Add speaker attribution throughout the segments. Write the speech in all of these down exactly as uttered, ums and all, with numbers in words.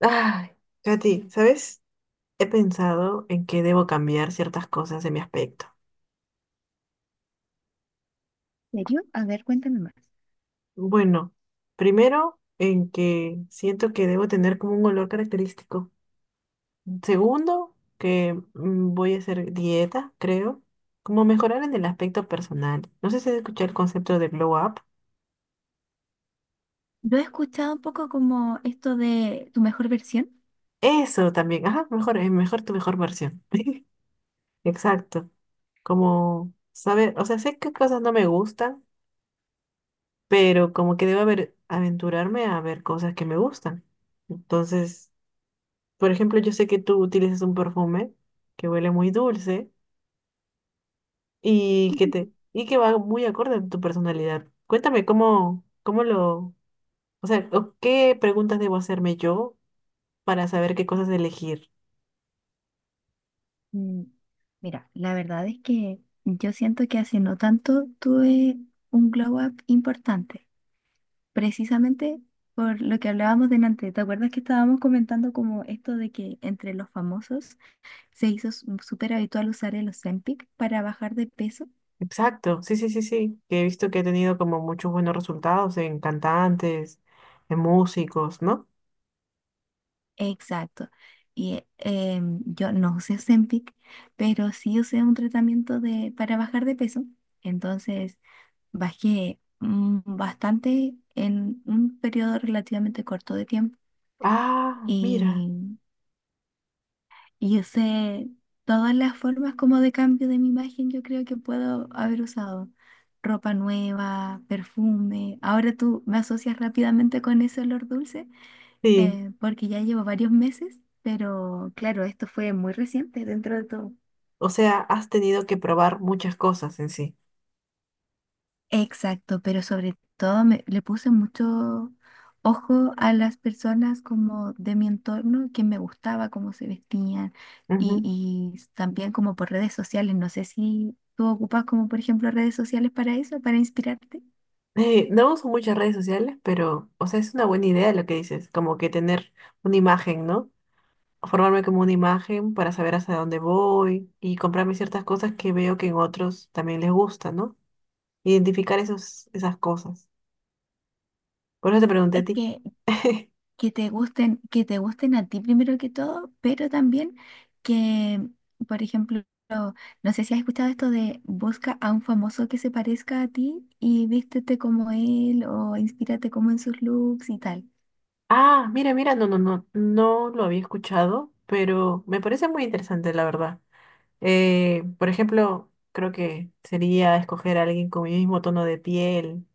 Speaker 1: Ay, Katy, ¿sabes? He pensado en que debo cambiar ciertas cosas de mi aspecto.
Speaker 2: ¿En serio? A ver, cuéntame más.
Speaker 1: Bueno, primero, en que siento que debo tener como un olor característico. Segundo, que mm, voy a hacer dieta, creo. Como mejorar en el aspecto personal. No sé si has escuchado el concepto de glow up.
Speaker 2: Yo he escuchado un poco como esto de tu mejor versión.
Speaker 1: Eso también. Ajá, mejor, eh, mejor tu mejor versión. Exacto. Como saber, o sea, sé qué cosas no me gustan, pero como que debo haber, aventurarme a ver cosas que me gustan. Entonces, por ejemplo, yo sé que tú utilizas un perfume que huele muy dulce y que te y que va muy acorde a tu personalidad. Cuéntame cómo cómo lo, o sea, o qué preguntas debo hacerme yo para saber qué cosas elegir.
Speaker 2: Mm, Mira, la verdad es que yo siento que hace no tanto tuve un glow up importante, precisamente por lo que hablábamos delante. ¿Te acuerdas que estábamos comentando como esto de que entre los famosos se hizo s- súper habitual usar el Ozempic para bajar de peso?
Speaker 1: Exacto, sí, sí, sí, sí, que he visto que he tenido como muchos buenos resultados en cantantes, en músicos, ¿no?
Speaker 2: Exacto. Y eh, yo no usé Ozempic, pero sí usé un tratamiento de, para bajar de peso. Entonces bajé mm, bastante en un periodo relativamente corto de tiempo.
Speaker 1: Ah, mira,
Speaker 2: Y, y usé todas las formas como de cambio de mi imagen, yo creo que puedo haber usado. Ropa nueva, perfume. Ahora tú me asocias rápidamente con ese olor dulce,
Speaker 1: sí.
Speaker 2: eh, porque ya llevo varios meses, pero claro, esto fue muy reciente dentro de todo.
Speaker 1: O sea, has tenido que probar muchas cosas en sí.
Speaker 2: Exacto, pero sobre todo me- le puse mucho ojo a las personas como de mi entorno, que me gustaba cómo se vestían y,
Speaker 1: Ujú.
Speaker 2: y también como por redes sociales. No sé si tú ocupas como por ejemplo redes sociales para eso, para inspirarte.
Speaker 1: Eh, no uso muchas redes sociales, pero, o sea, es una buena idea lo que dices, como que tener una imagen, ¿no? Formarme como una imagen para saber hacia dónde voy y comprarme ciertas cosas que veo que en otros también les gusta, ¿no? Identificar esos, esas cosas. Por eso te pregunté a
Speaker 2: Es
Speaker 1: ti.
Speaker 2: que que te gusten, que te gusten a ti primero que todo, pero también que, por ejemplo, no sé si has escuchado esto de busca a un famoso que se parezca a ti y vístete como él o inspírate como en sus looks y tal.
Speaker 1: Ah, mira, mira, no, no, no, no lo había escuchado, pero me parece muy interesante, la verdad. Eh, por ejemplo, creo que sería escoger a alguien con mi mismo tono de piel,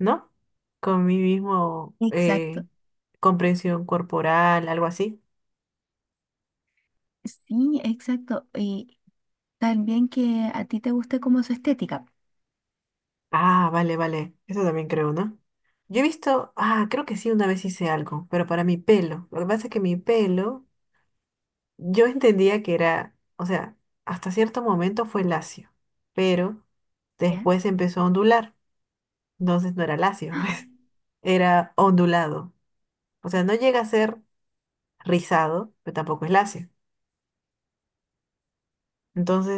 Speaker 1: ¿no? Con mi mismo
Speaker 2: Exacto.
Speaker 1: eh, comprensión corporal, algo así.
Speaker 2: Sí, exacto. Y también que a ti te guste como su estética,
Speaker 1: Ah, vale, vale. Eso también creo, ¿no? Yo he visto, ah, creo que sí, una vez hice algo, pero para mi pelo. Lo que pasa es que mi pelo, yo entendía que era, o sea, hasta cierto momento fue lacio, pero
Speaker 2: ¿ya?
Speaker 1: después empezó a ondular. Entonces no era lacio,
Speaker 2: ¡Ah!
Speaker 1: pues, era ondulado. O sea, no llega a ser rizado, pero tampoco es lacio.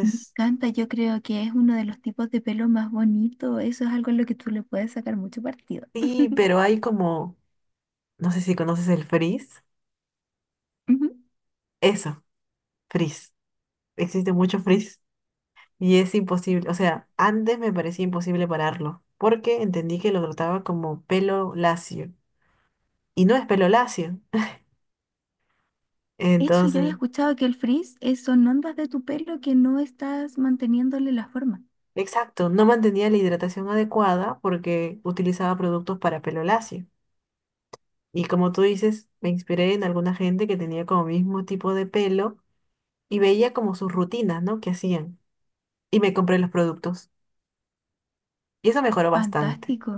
Speaker 2: Me encanta, yo creo que es uno de los tipos de pelo más bonito. Eso es algo en lo que tú le puedes sacar mucho partido.
Speaker 1: sí, pero hay como, no sé si conoces el frizz.
Speaker 2: Ujú.
Speaker 1: Eso, frizz. Existe mucho frizz y es imposible, o sea, antes me parecía imposible pararlo, porque entendí que lo trataba como pelo lacio y no es pelo lacio.
Speaker 2: Eso yo había
Speaker 1: Entonces,
Speaker 2: escuchado que el frizz es- son ondas de tu pelo que no estás manteniéndole la forma.
Speaker 1: exacto, no mantenía la hidratación adecuada porque utilizaba productos para pelo lacio. Y como tú dices, me inspiré en alguna gente que tenía como mismo tipo de pelo y veía como sus rutinas, ¿no? Que hacían. Y me compré los productos. Y eso mejoró bastante.
Speaker 2: Fantástico.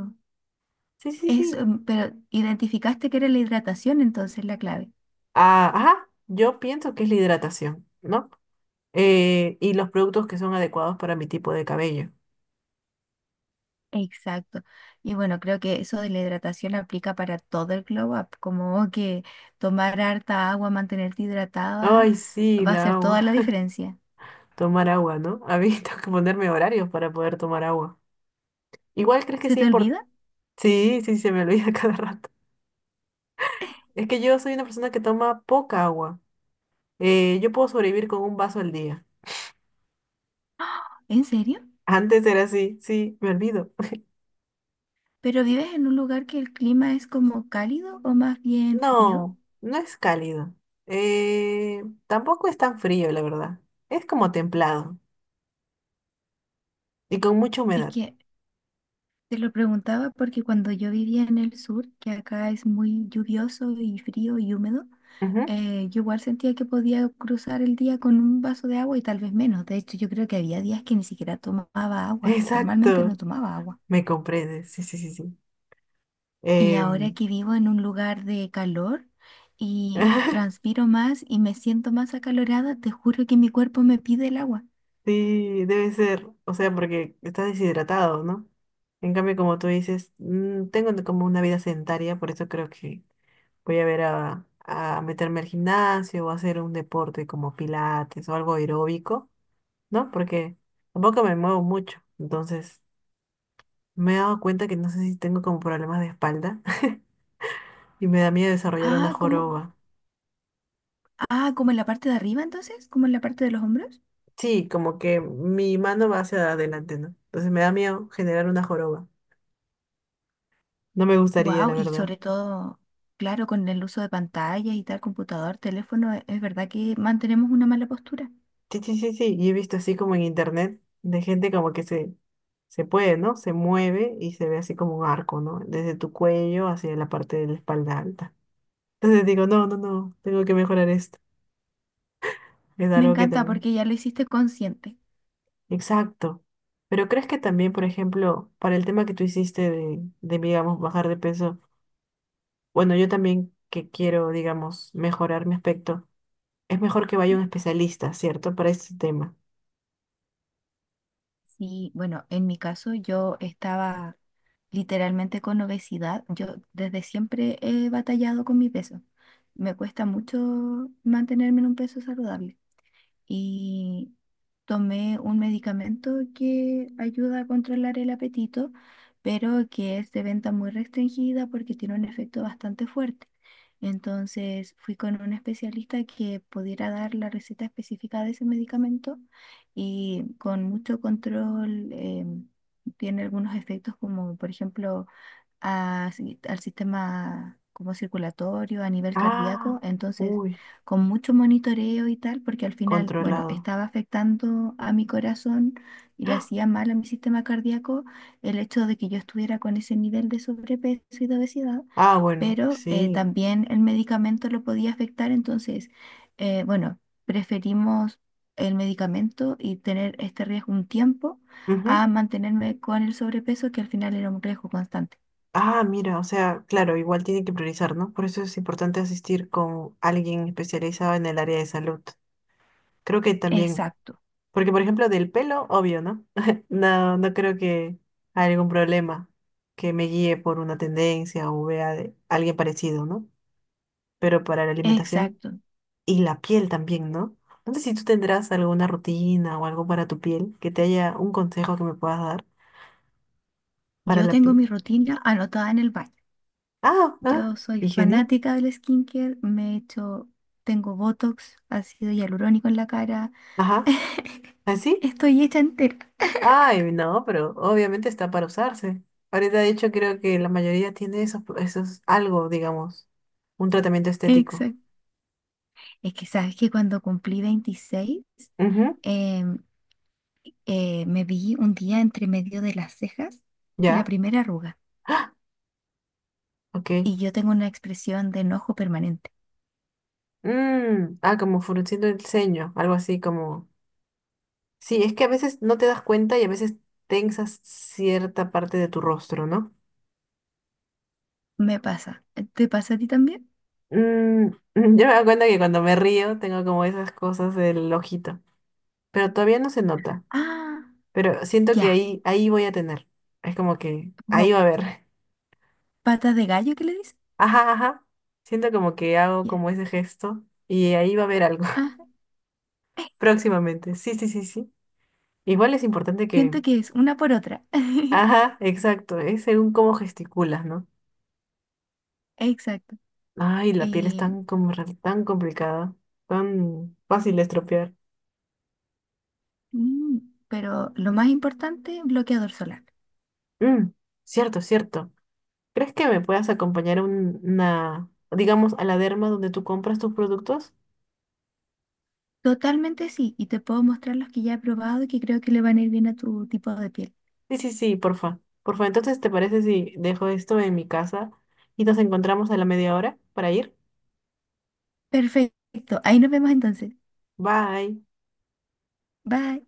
Speaker 1: Sí, sí, sí.
Speaker 2: Eso, mm, pero identificaste que era la hidratación entonces la clave.
Speaker 1: Ah, ajá, yo pienso que es la hidratación, ¿no? Eh, y los productos que son adecuados para mi tipo de cabello.
Speaker 2: Exacto. Y bueno, creo que eso de la hidratación aplica para todo el glow up, como que tomar harta agua, mantenerte hidratada,
Speaker 1: Ay, sí,
Speaker 2: va a
Speaker 1: la
Speaker 2: hacer
Speaker 1: agua.
Speaker 2: toda la diferencia.
Speaker 1: Tomar agua, ¿no? A mí tengo que ponerme horarios para poder tomar agua. Igual crees que
Speaker 2: ¿Se
Speaker 1: sea
Speaker 2: te
Speaker 1: importante.
Speaker 2: olvida?
Speaker 1: Sí, sí, se me olvida cada rato. Es que yo soy una persona que toma poca agua. Eh, yo puedo sobrevivir con un vaso al día.
Speaker 2: ¿En serio?
Speaker 1: Antes era así, sí, me olvido.
Speaker 2: ¿Pero vives en un lugar que el clima es como cálido o más bien frío?
Speaker 1: No, no es cálido. Eh, tampoco es tan frío, la verdad. Es como templado y con mucha
Speaker 2: Es
Speaker 1: humedad.
Speaker 2: que Te lo preguntaba porque cuando yo vivía en el sur, que acá es muy lluvioso y frío y húmedo,
Speaker 1: Ujú.
Speaker 2: eh, yo igual sentía que podía cruzar el día con un vaso de agua y tal vez menos. De hecho, yo creo que había días que ni siquiera tomaba agua. Normalmente no
Speaker 1: Exacto,
Speaker 2: tomaba agua.
Speaker 1: me comprendes. Sí, sí, sí, sí.
Speaker 2: Y ahora
Speaker 1: Em,
Speaker 2: que vivo en un lugar de calor y transpiro más y me siento más acalorada, te juro que mi cuerpo me pide el agua.
Speaker 1: sí, debe ser. O sea, porque estás deshidratado, ¿no? En cambio, como tú dices, mm, tengo como una vida sedentaria, por eso creo que voy a ver a, a meterme al gimnasio o hacer un deporte como pilates o algo aeróbico, ¿no? Porque tampoco me muevo mucho. Entonces, me he dado cuenta que no sé si tengo como problemas de espalda y me da miedo desarrollar una
Speaker 2: Ah, como,
Speaker 1: joroba.
Speaker 2: ah, como en la parte de arriba entonces, como en la parte de los hombros.
Speaker 1: Sí, como que mi mano va hacia adelante, ¿no? Entonces me da miedo generar una joroba. No me gustaría,
Speaker 2: Wow,
Speaker 1: la
Speaker 2: y
Speaker 1: verdad.
Speaker 2: sobre todo, claro, con el uso de pantallas y tal, computador, teléfono, e- es verdad que mantenemos una mala postura.
Speaker 1: Sí, sí, sí, sí. Y he visto así como en internet de gente como que se, se puede, ¿no? Se mueve y se ve así como un arco, ¿no? Desde tu cuello hacia la parte de la espalda alta. Entonces digo, no, no, no, tengo que mejorar esto. Es
Speaker 2: Me
Speaker 1: algo que
Speaker 2: encanta
Speaker 1: también.
Speaker 2: porque ya lo hiciste consciente.
Speaker 1: Exacto. Pero ¿crees que también, por ejemplo, para el tema que tú hiciste de, de, digamos, bajar de peso, bueno, yo también que quiero, digamos, mejorar mi aspecto, es mejor que vaya un especialista, ¿cierto? Para este tema.
Speaker 2: Sí, bueno, en mi caso yo estaba literalmente con obesidad. Yo desde siempre he batallado con mi peso. Me cuesta mucho mantenerme en un peso saludable. Y tomé un medicamento que ayuda a controlar el apetito, pero que es de venta muy restringida porque tiene un efecto bastante fuerte. Entonces fui con un especialista que pudiera dar la receta específica de ese medicamento y con mucho control em, tiene algunos efectos como por ejemplo a si- al sistema como circulatorio, a nivel cardíaco,
Speaker 1: Ah,
Speaker 2: entonces
Speaker 1: uy,
Speaker 2: con mucho monitoreo y tal, porque al final, bueno,
Speaker 1: controlado.
Speaker 2: estaba afectando a mi corazón y le
Speaker 1: ¡Ah!
Speaker 2: hacía mal a mi sistema cardíaco el hecho de que yo estuviera con ese nivel de sobrepeso y de obesidad,
Speaker 1: Ah, bueno,
Speaker 2: pero eh,
Speaker 1: sí.
Speaker 2: también el medicamento lo podía afectar, entonces, eh, bueno, preferimos el medicamento y tener este riesgo un tiempo
Speaker 1: Ujú.
Speaker 2: a mantenerme con el sobrepeso que al final era un riesgo constante.
Speaker 1: Ah, mira, o sea, claro, igual tiene que priorizar, ¿no? Por eso es importante asistir con alguien especializado en el área de salud. Creo que también.
Speaker 2: Exacto,
Speaker 1: Porque, por ejemplo, del pelo, obvio, ¿no? No, no creo que haya algún problema que me guíe por una tendencia o vea de alguien parecido, ¿no? Pero para la alimentación
Speaker 2: exacto.
Speaker 1: y la piel también, ¿no? No sé si tú tendrás alguna rutina o algo para tu piel, que te haya un consejo que me puedas dar para
Speaker 2: Yo
Speaker 1: la
Speaker 2: tengo
Speaker 1: piel.
Speaker 2: mi rutina anotada en el baño.
Speaker 1: Ah, ah,
Speaker 2: Yo soy
Speaker 1: higiene.
Speaker 2: fanática del skincare, me he hecho, tengo Botox, ácido hialurónico en la cara.
Speaker 1: Ajá. ¿Así?
Speaker 2: Estoy hecha entera.
Speaker 1: Ay, no, pero obviamente está para usarse. Ahorita, de hecho, creo que la mayoría tiene esos, esos algo, digamos, un tratamiento estético.
Speaker 2: Exacto. Es que sabes que cuando cumplí veintiséis
Speaker 1: Ujú.
Speaker 2: em, eh, me vi un día entre medio de las cejas la
Speaker 1: Ya,
Speaker 2: primera arruga
Speaker 1: ok.
Speaker 2: y yo tengo una expresión de enojo permanente.
Speaker 1: Mm, ah, como frunciendo el ceño, algo así como... Sí, es que a veces no te das cuenta y a veces tensas cierta parte de tu rostro, ¿no?
Speaker 2: Me pasa. ¿Te pasa a ti también?
Speaker 1: Mm, yo me doy cuenta que cuando me río tengo como esas cosas del ojito, pero todavía no se nota,
Speaker 2: Ah,
Speaker 1: pero siento que
Speaker 2: ya.
Speaker 1: ahí, ahí voy a tener. Es como que ahí
Speaker 2: Como
Speaker 1: va a haber.
Speaker 2: patas de gallo, ¿qué le dicen?
Speaker 1: Ajá, ajá. Siento como que hago
Speaker 2: Ya.
Speaker 1: como ese gesto y ahí va a haber algo
Speaker 2: Ah,
Speaker 1: próximamente. Sí, sí, sí, sí. Igual es importante que...
Speaker 2: siento que es una por otra.
Speaker 1: Ajá, exacto, es según cómo gesticulas, ¿no?
Speaker 2: Exacto.
Speaker 1: Ay, la piel es
Speaker 2: Eh,
Speaker 1: tan, com- tan complicada, tan fácil de estropear.
Speaker 2: mm, pero lo más importante, bloqueador solar.
Speaker 1: Mm, cierto, cierto. ¿Crees que me puedas acompañar a un- una, digamos, a la derma donde tú compras tus productos?
Speaker 2: Totalmente sí, y te puedo mostrar los que ya he probado y que creo que le van a ir bien a tu tipo de piel.
Speaker 1: Sí, sí, sí, porfa. Porfa, entonces, ¿te parece si dejo esto en mi casa y nos encontramos a la media hora para ir?
Speaker 2: Perfecto, ahí nos vemos entonces.
Speaker 1: Bye.
Speaker 2: Bye.